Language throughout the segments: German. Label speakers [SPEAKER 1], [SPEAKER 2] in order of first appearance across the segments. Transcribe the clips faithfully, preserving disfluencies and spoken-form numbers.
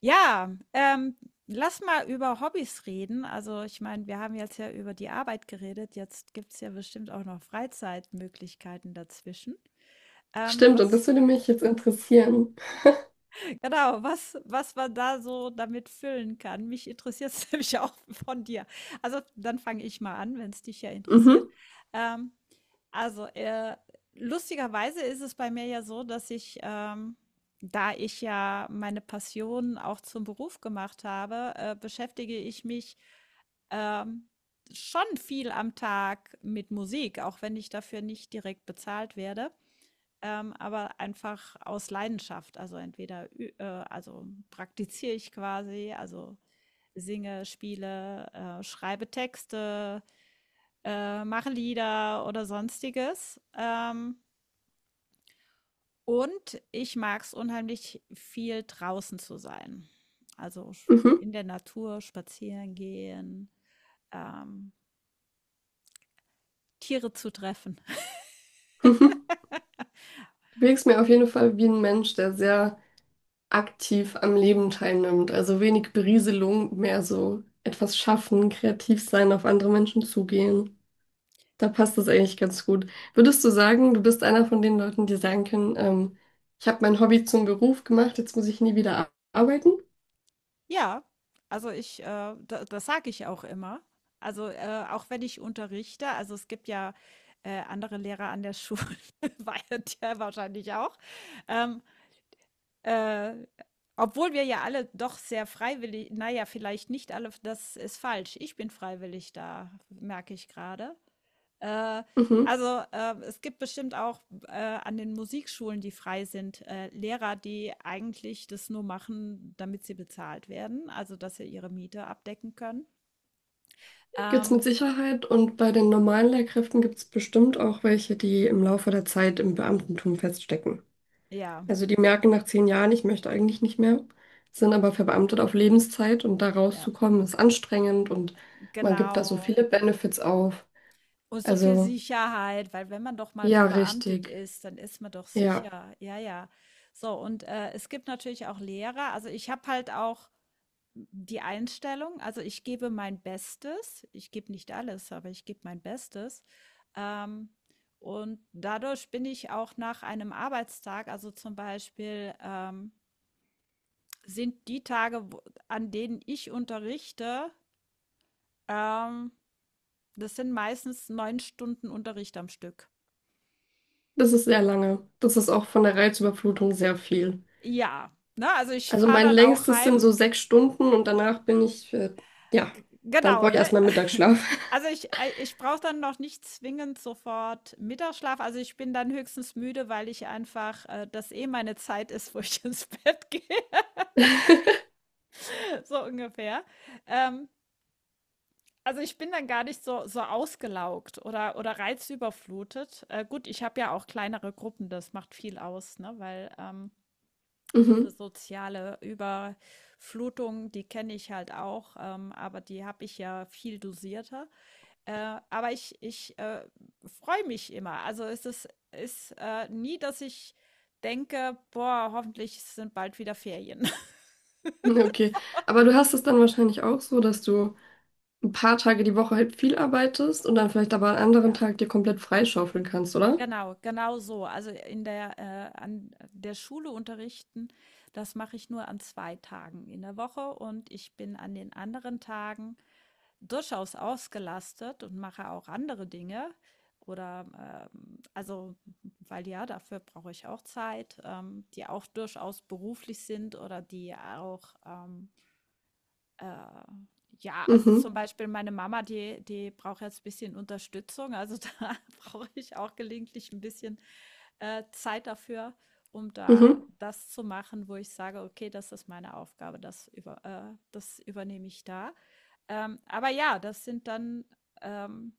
[SPEAKER 1] Ja, ähm, lass mal über Hobbys reden. Also, ich meine, wir haben jetzt ja über die Arbeit geredet. Jetzt gibt es ja bestimmt auch noch Freizeitmöglichkeiten dazwischen. Ähm,
[SPEAKER 2] Stimmt, und
[SPEAKER 1] was,
[SPEAKER 2] das würde mich jetzt interessieren.
[SPEAKER 1] genau, was, was man da so damit füllen kann. Mich interessiert es nämlich auch von dir. Also, dann fange ich mal an, wenn es dich ja interessiert.
[SPEAKER 2] Mhm,
[SPEAKER 1] Ähm, Also, äh, lustigerweise ist es bei mir ja so, dass ich, ähm, da ich ja meine Passion auch zum Beruf gemacht habe, äh, beschäftige ich mich ähm, schon viel am Tag mit Musik, auch wenn ich dafür nicht direkt bezahlt werde, ähm, aber einfach aus Leidenschaft. Also entweder, ü- äh, also praktiziere ich quasi, also singe, spiele, äh, schreibe Texte, äh, mache Lieder oder sonstiges. Ähm, und ich mag es unheimlich viel draußen zu sein. Also
[SPEAKER 2] mhm,
[SPEAKER 1] in der Natur spazieren gehen, ähm, Tiere zu treffen.
[SPEAKER 2] mhm. Du wirkst mir auf jeden Fall wie ein Mensch, der sehr aktiv am Leben teilnimmt. Also wenig Berieselung, mehr so etwas schaffen, kreativ sein, auf andere Menschen zugehen. Da passt das eigentlich ganz gut. Würdest du sagen, du bist einer von den Leuten, die sagen können, ähm, ich habe mein Hobby zum Beruf gemacht, jetzt muss ich nie wieder ar- arbeiten?
[SPEAKER 1] Ja, also ich, äh, da, das sage ich auch immer. Also äh, auch wenn ich unterrichte, also es gibt ja äh, andere Lehrer an der Schule, war ja der wahrscheinlich auch. Ähm, Äh, Obwohl wir ja alle doch sehr freiwillig, naja, vielleicht nicht alle, das ist falsch. Ich bin freiwillig da, merke ich gerade. Äh,
[SPEAKER 2] Mhm.
[SPEAKER 1] also äh, es gibt bestimmt auch äh, an den Musikschulen, die frei sind, äh, Lehrer, die eigentlich das nur machen, damit sie bezahlt werden, also dass sie ihre Miete abdecken können.
[SPEAKER 2] Gibt's
[SPEAKER 1] Ähm,
[SPEAKER 2] mit Sicherheit, und bei den normalen Lehrkräften gibt es bestimmt auch welche, die im Laufe der Zeit im Beamtentum feststecken.
[SPEAKER 1] ja,
[SPEAKER 2] Also die merken nach zehn Jahren, ich möchte eigentlich nicht mehr, sind aber verbeamtet auf Lebenszeit, und da
[SPEAKER 1] ja,
[SPEAKER 2] rauszukommen ist anstrengend, und man gibt da so
[SPEAKER 1] genau.
[SPEAKER 2] viele Benefits auf.
[SPEAKER 1] Und so viel
[SPEAKER 2] Also
[SPEAKER 1] Sicherheit, weil wenn man doch mal
[SPEAKER 2] ja,
[SPEAKER 1] verbeamtet
[SPEAKER 2] richtig.
[SPEAKER 1] ist, dann ist man doch
[SPEAKER 2] Ja,
[SPEAKER 1] sicher. Ja, ja. So, und äh, es gibt natürlich auch Lehrer. Also ich habe halt auch die Einstellung, also ich gebe mein Bestes. Ich gebe nicht alles, aber ich gebe mein Bestes. Ähm, und dadurch bin ich auch nach einem Arbeitstag, also zum Beispiel ähm, sind die Tage, wo- an denen ich unterrichte, ähm, das sind meistens neun Stunden Unterricht am Stück.
[SPEAKER 2] das ist sehr lange. Das ist auch von der Reizüberflutung sehr viel.
[SPEAKER 1] Ja, ne, also ich
[SPEAKER 2] Also
[SPEAKER 1] fahre
[SPEAKER 2] mein
[SPEAKER 1] dann auch
[SPEAKER 2] längstes
[SPEAKER 1] heim.
[SPEAKER 2] sind so sechs Stunden, und danach bin ich, äh, ja, dann
[SPEAKER 1] Genau,
[SPEAKER 2] brauche ich
[SPEAKER 1] ne?
[SPEAKER 2] erstmal Mittagsschlaf.
[SPEAKER 1] Also ich ei ich brauche dann noch nicht zwingend sofort Mittagsschlaf. Also, ich bin dann höchstens müde, weil ich einfach, äh das eh meine Zeit ist, wo ich ins Bett gehe, so ungefähr. Ähm, also, ich bin dann gar nicht so so ausgelaugt oder oder reizüberflutet. Äh, gut, ich habe ja auch kleinere Gruppen, das macht viel aus, ne, weil, ähm diese soziale Überflutung, die kenne ich halt auch, ähm, aber die habe ich ja viel dosierter. Äh, aber ich, ich äh, freue mich immer. Also es ist, ist äh, nie, dass ich denke, boah, hoffentlich sind bald wieder Ferien.
[SPEAKER 2] Mhm, okay. Aber du hast es dann wahrscheinlich auch so, dass du ein paar Tage die Woche halt viel arbeitest und dann vielleicht aber an anderen
[SPEAKER 1] Ja,
[SPEAKER 2] Tag dir komplett freischaufeln kannst, oder?
[SPEAKER 1] genau, genau so. Also in der, äh, an der Schule unterrichten, das mache ich nur an zwei Tagen in der Woche und ich bin an den anderen Tagen durchaus ausgelastet und mache auch andere Dinge. Oder ähm, also, weil ja, dafür brauche ich auch Zeit, ähm, die auch durchaus beruflich sind oder die auch ähm, äh, ja, also
[SPEAKER 2] Mhm.
[SPEAKER 1] zum Beispiel meine Mama, die, die braucht jetzt ein bisschen Unterstützung. Also da brauche ich auch gelegentlich ein bisschen äh, Zeit dafür, um da
[SPEAKER 2] Mhm.
[SPEAKER 1] das zu machen, wo ich sage, okay, das ist meine Aufgabe, das, über, äh, das übernehme ich da. Ähm, aber ja, das sind dann, ähm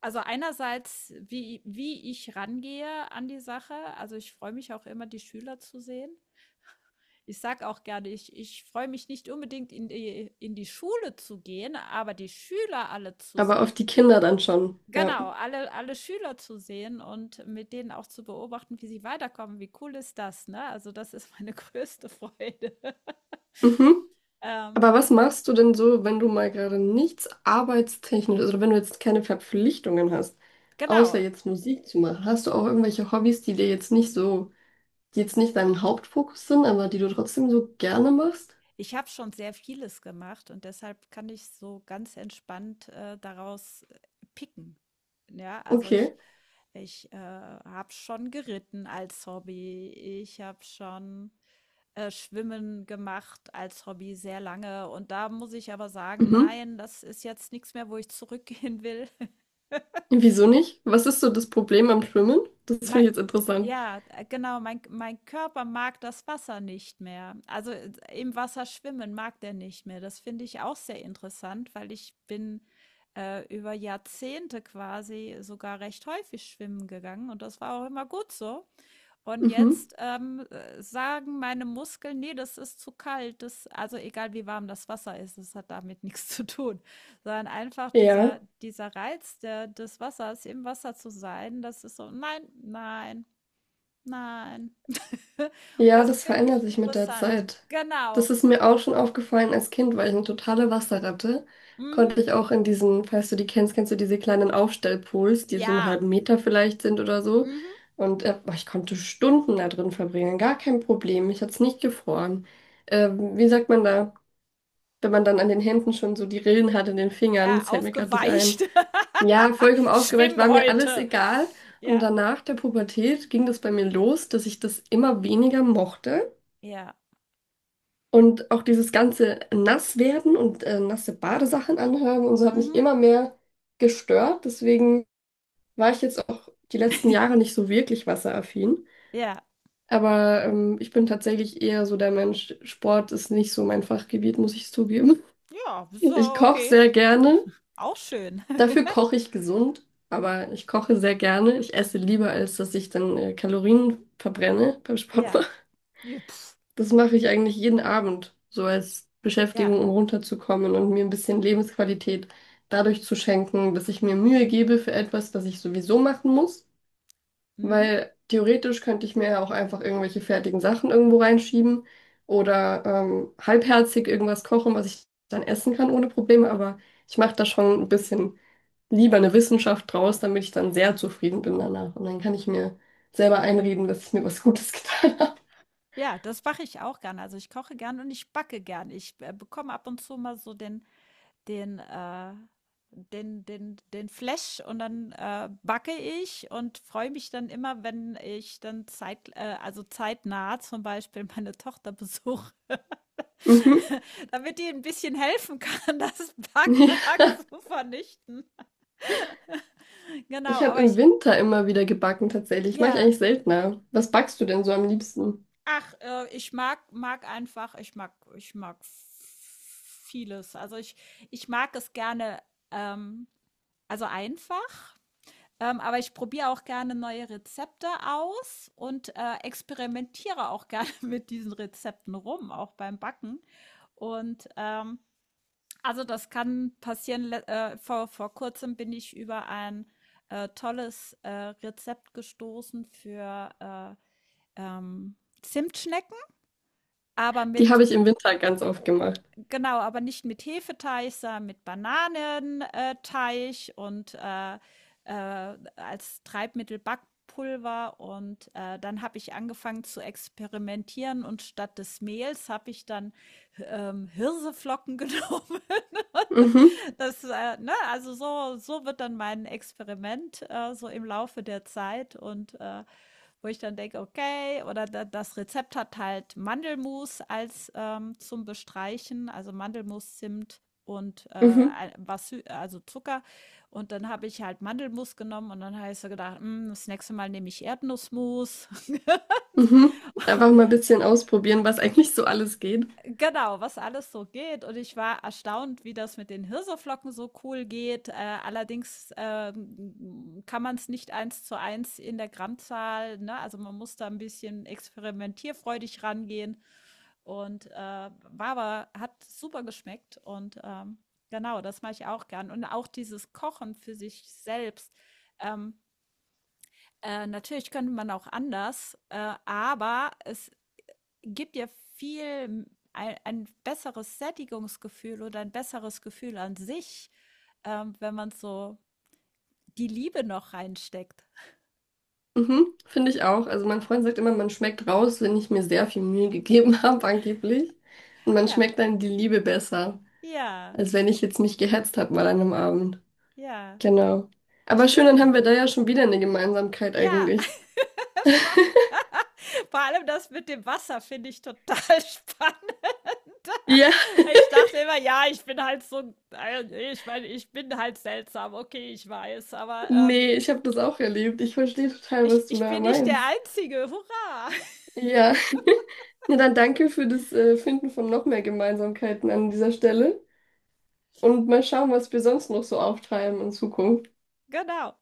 [SPEAKER 1] also einerseits, wie wie ich rangehe an die Sache. Also, ich freue mich auch immer, die Schüler zu sehen. Ich sage auch gerne, ich ich freue mich nicht unbedingt, in die in die Schule zu gehen, aber die Schüler alle zu
[SPEAKER 2] Aber auf
[SPEAKER 1] sehen.
[SPEAKER 2] die Kinder dann schon, ja.
[SPEAKER 1] Genau, alle alle Schüler zu sehen und mit denen auch zu beobachten, wie sie weiterkommen. Wie cool ist das, ne? Also, das ist meine größte Freude.
[SPEAKER 2] Mhm.
[SPEAKER 1] Ähm,
[SPEAKER 2] Aber was machst du denn so, wenn du mal gerade nichts arbeitstechnisch, also wenn du jetzt keine Verpflichtungen hast, außer
[SPEAKER 1] genau,
[SPEAKER 2] jetzt Musik zu machen? Hast du auch irgendwelche Hobbys, die dir jetzt nicht so, die jetzt nicht dein Hauptfokus sind, aber die du trotzdem so gerne machst?
[SPEAKER 1] ich habe schon sehr vieles gemacht und deshalb kann ich so ganz entspannt äh, daraus äh, picken. Ja, also ich,
[SPEAKER 2] Okay.
[SPEAKER 1] ich äh, habe schon geritten als Hobby. Ich habe schon äh, Schwimmen gemacht als Hobby sehr lange. Und da muss ich aber sagen,
[SPEAKER 2] Mhm.
[SPEAKER 1] nein, das ist jetzt nichts mehr, wo ich zurückgehen will.
[SPEAKER 2] Wieso nicht? Was ist so das Problem am Schwimmen? Das finde
[SPEAKER 1] Mei
[SPEAKER 2] ich jetzt interessant.
[SPEAKER 1] ja, äh, genau, mein mein Körper mag das Wasser nicht mehr. Also, äh, im Wasser schwimmen mag der nicht mehr. Das finde ich auch sehr interessant, weil ich bin, äh, über Jahrzehnte quasi sogar recht häufig schwimmen gegangen und das war auch immer gut so. Und
[SPEAKER 2] Mhm.
[SPEAKER 1] jetzt ähm, äh, sagen meine Muskeln, nee, das ist zu kalt. Das, also egal wie warm das Wasser ist, das hat damit nichts zu tun. Sondern einfach
[SPEAKER 2] Ja.
[SPEAKER 1] dieser, dieser Reiz der, des Wassers, im Wasser zu sein, das ist so, nein, nein, nein. Und
[SPEAKER 2] Ja,
[SPEAKER 1] das
[SPEAKER 2] das
[SPEAKER 1] finde
[SPEAKER 2] verändert
[SPEAKER 1] ich
[SPEAKER 2] sich mit der
[SPEAKER 1] interessant.
[SPEAKER 2] Zeit. Das
[SPEAKER 1] Genau.
[SPEAKER 2] ist mir auch schon aufgefallen als Kind, weil ich eine totale Wasserratte. Konnte
[SPEAKER 1] Mhm.
[SPEAKER 2] ich auch in diesen, falls du die kennst, kennst du diese kleinen Aufstellpools, die so einen
[SPEAKER 1] Ja.
[SPEAKER 2] halben Meter vielleicht sind oder so.
[SPEAKER 1] Mhm.
[SPEAKER 2] Und äh, boah, ich konnte Stunden da drin verbringen, gar kein Problem. Mich hat's nicht gefroren. Ähm, wie sagt man da, wenn man dann an den Händen schon so die Rillen hat in den Fingern?
[SPEAKER 1] Ja,
[SPEAKER 2] Das fällt mir gerade nicht ein.
[SPEAKER 1] aufgeweicht.
[SPEAKER 2] Ja, vollkommen aufgeweicht,
[SPEAKER 1] Schwimm
[SPEAKER 2] war mir alles
[SPEAKER 1] heute.
[SPEAKER 2] egal. Und
[SPEAKER 1] Ja.
[SPEAKER 2] danach der Pubertät ging das bei mir los, dass ich das immer weniger mochte.
[SPEAKER 1] Ja.
[SPEAKER 2] Und auch dieses ganze Nasswerden und äh, nasse Badesachen anhaben und so hat mich
[SPEAKER 1] Mhm.
[SPEAKER 2] immer mehr gestört. Deswegen war ich jetzt auch die letzten Jahre nicht so wirklich wasseraffin.
[SPEAKER 1] Ja.
[SPEAKER 2] Aber ähm, ich bin tatsächlich eher so der Mensch, Sport ist nicht so mein Fachgebiet, muss ich zugeben.
[SPEAKER 1] Ja,
[SPEAKER 2] Ich
[SPEAKER 1] so,
[SPEAKER 2] koche
[SPEAKER 1] okay.
[SPEAKER 2] sehr gerne.
[SPEAKER 1] Auch schön.
[SPEAKER 2] Dafür koche ich gesund, aber ich koche sehr gerne. Ich esse lieber, als dass ich dann äh, Kalorien verbrenne beim Sport.
[SPEAKER 1] Ja. Ja, pf.
[SPEAKER 2] Das mache ich eigentlich jeden Abend, so als
[SPEAKER 1] Ja,
[SPEAKER 2] Beschäftigung, um runterzukommen und mir ein bisschen Lebensqualität dadurch zu schenken, dass ich mir Mühe gebe für etwas, das ich sowieso machen muss.
[SPEAKER 1] mhm.
[SPEAKER 2] Weil theoretisch könnte ich mir ja auch einfach irgendwelche fertigen Sachen irgendwo reinschieben oder ähm, halbherzig irgendwas kochen, was ich dann essen kann ohne Probleme. Aber ich mache da schon ein bisschen lieber eine Wissenschaft draus, damit ich dann sehr zufrieden bin danach. Und dann kann ich mir selber einreden, dass ich mir was Gutes getan habe.
[SPEAKER 1] Ja, das mache ich auch gerne. Also, ich koche gern und ich backe gern. Ich, äh, bekomme ab und zu mal so den den, äh den den den Flash und dann, äh, backe ich und freue mich dann immer, wenn ich dann zeit äh, also, zeitnah zum Beispiel meine Tochter besuche,
[SPEAKER 2] Mhm.
[SPEAKER 1] damit die ein bisschen helfen kann, das Backwerk zu vernichten. Genau,
[SPEAKER 2] Ich habe
[SPEAKER 1] aber
[SPEAKER 2] im
[SPEAKER 1] ich
[SPEAKER 2] Winter immer wieder gebacken, tatsächlich. Mache ich
[SPEAKER 1] ja.
[SPEAKER 2] eigentlich seltener. Was backst du denn so am liebsten?
[SPEAKER 1] Ach, äh, ich mag mag einfach ich mag ich mag vieles. Also, ich ich mag es gerne, ähm, also, einfach, ähm, aber ich probiere auch gerne neue Rezepte aus und, äh, experimentiere auch gerne mit diesen Rezepten rum, auch beim Backen. Und, ähm, also, das kann passieren. Le äh, vor vor Kurzem bin ich über ein, äh, tolles, äh, Rezept gestoßen für, äh, ähm, Zimtschnecken, aber
[SPEAKER 2] Die
[SPEAKER 1] mit
[SPEAKER 2] habe ich im Winter ganz oft gemacht.
[SPEAKER 1] Genau, aber nicht mit Hefeteig, sondern mit Bananenteig und äh, äh, als Treibmittel Backpulver. Und äh, dann habe ich angefangen zu experimentieren und statt des Mehls habe ich dann ähm, Hirseflocken genommen.
[SPEAKER 2] Mhm,
[SPEAKER 1] Das, äh, ne, also so, so wird dann mein Experiment äh, so im Laufe der Zeit und äh, wo ich dann denke, okay, oder da, das Rezept hat halt Mandelmus als ähm, zum Bestreichen, also Mandelmus, Zimt und
[SPEAKER 2] mhm,
[SPEAKER 1] äh, was, also Zucker. Und dann habe ich halt Mandelmus genommen und dann habe ich so gedacht, "Mm, das nächste Mal nehme ich Erdnussmus."
[SPEAKER 2] mhm. Einfach mal ein bisschen ausprobieren, was eigentlich so alles geht.
[SPEAKER 1] Genau, was alles so geht. Und ich war erstaunt, wie das mit den Hirseflocken so cool geht. Äh, allerdings ähm, kann man es nicht eins zu eins in der Grammzahl, ne? Also man muss da ein bisschen experimentierfreudig rangehen. Und äh, war aber, hat super geschmeckt. Und ähm, genau, das mache ich auch gern. Und auch dieses Kochen für sich selbst. Ähm, äh, natürlich könnte man auch anders, äh, aber es gibt ja viel ein, ein besseres Sättigungsgefühl oder ein besseres Gefühl an sich, ähm, wenn man so die Liebe noch reinsteckt.
[SPEAKER 2] Mhm, finde ich auch. Also mein Freund sagt immer, man schmeckt raus, wenn ich mir sehr viel Mühe gegeben habe, angeblich. Und man
[SPEAKER 1] Ja,
[SPEAKER 2] schmeckt dann die Liebe besser,
[SPEAKER 1] ja,
[SPEAKER 2] als wenn ich jetzt mich gehetzt habe mal an einem Abend.
[SPEAKER 1] ja,
[SPEAKER 2] Genau.
[SPEAKER 1] wie
[SPEAKER 2] Aber schön, dann haben
[SPEAKER 1] schön.
[SPEAKER 2] wir da ja schon wieder eine Gemeinsamkeit
[SPEAKER 1] Ja,
[SPEAKER 2] eigentlich.
[SPEAKER 1] schon. Vor allem das mit dem Wasser finde ich total spannend.
[SPEAKER 2] Ja.
[SPEAKER 1] Weil ich dachte immer, ja, ich bin halt so, äh, nee, ich meine, ich bin halt seltsam, okay, ich weiß, aber ähm,
[SPEAKER 2] Nee, ich habe das auch erlebt. Ich verstehe total,
[SPEAKER 1] ich,
[SPEAKER 2] was du
[SPEAKER 1] ich
[SPEAKER 2] da
[SPEAKER 1] bin nicht der
[SPEAKER 2] meinst.
[SPEAKER 1] Einzige. Hurra!
[SPEAKER 2] Ja, na dann danke für das äh, Finden von noch mehr Gemeinsamkeiten an dieser Stelle und mal schauen, was wir sonst noch so auftreiben in Zukunft.
[SPEAKER 1] Genau.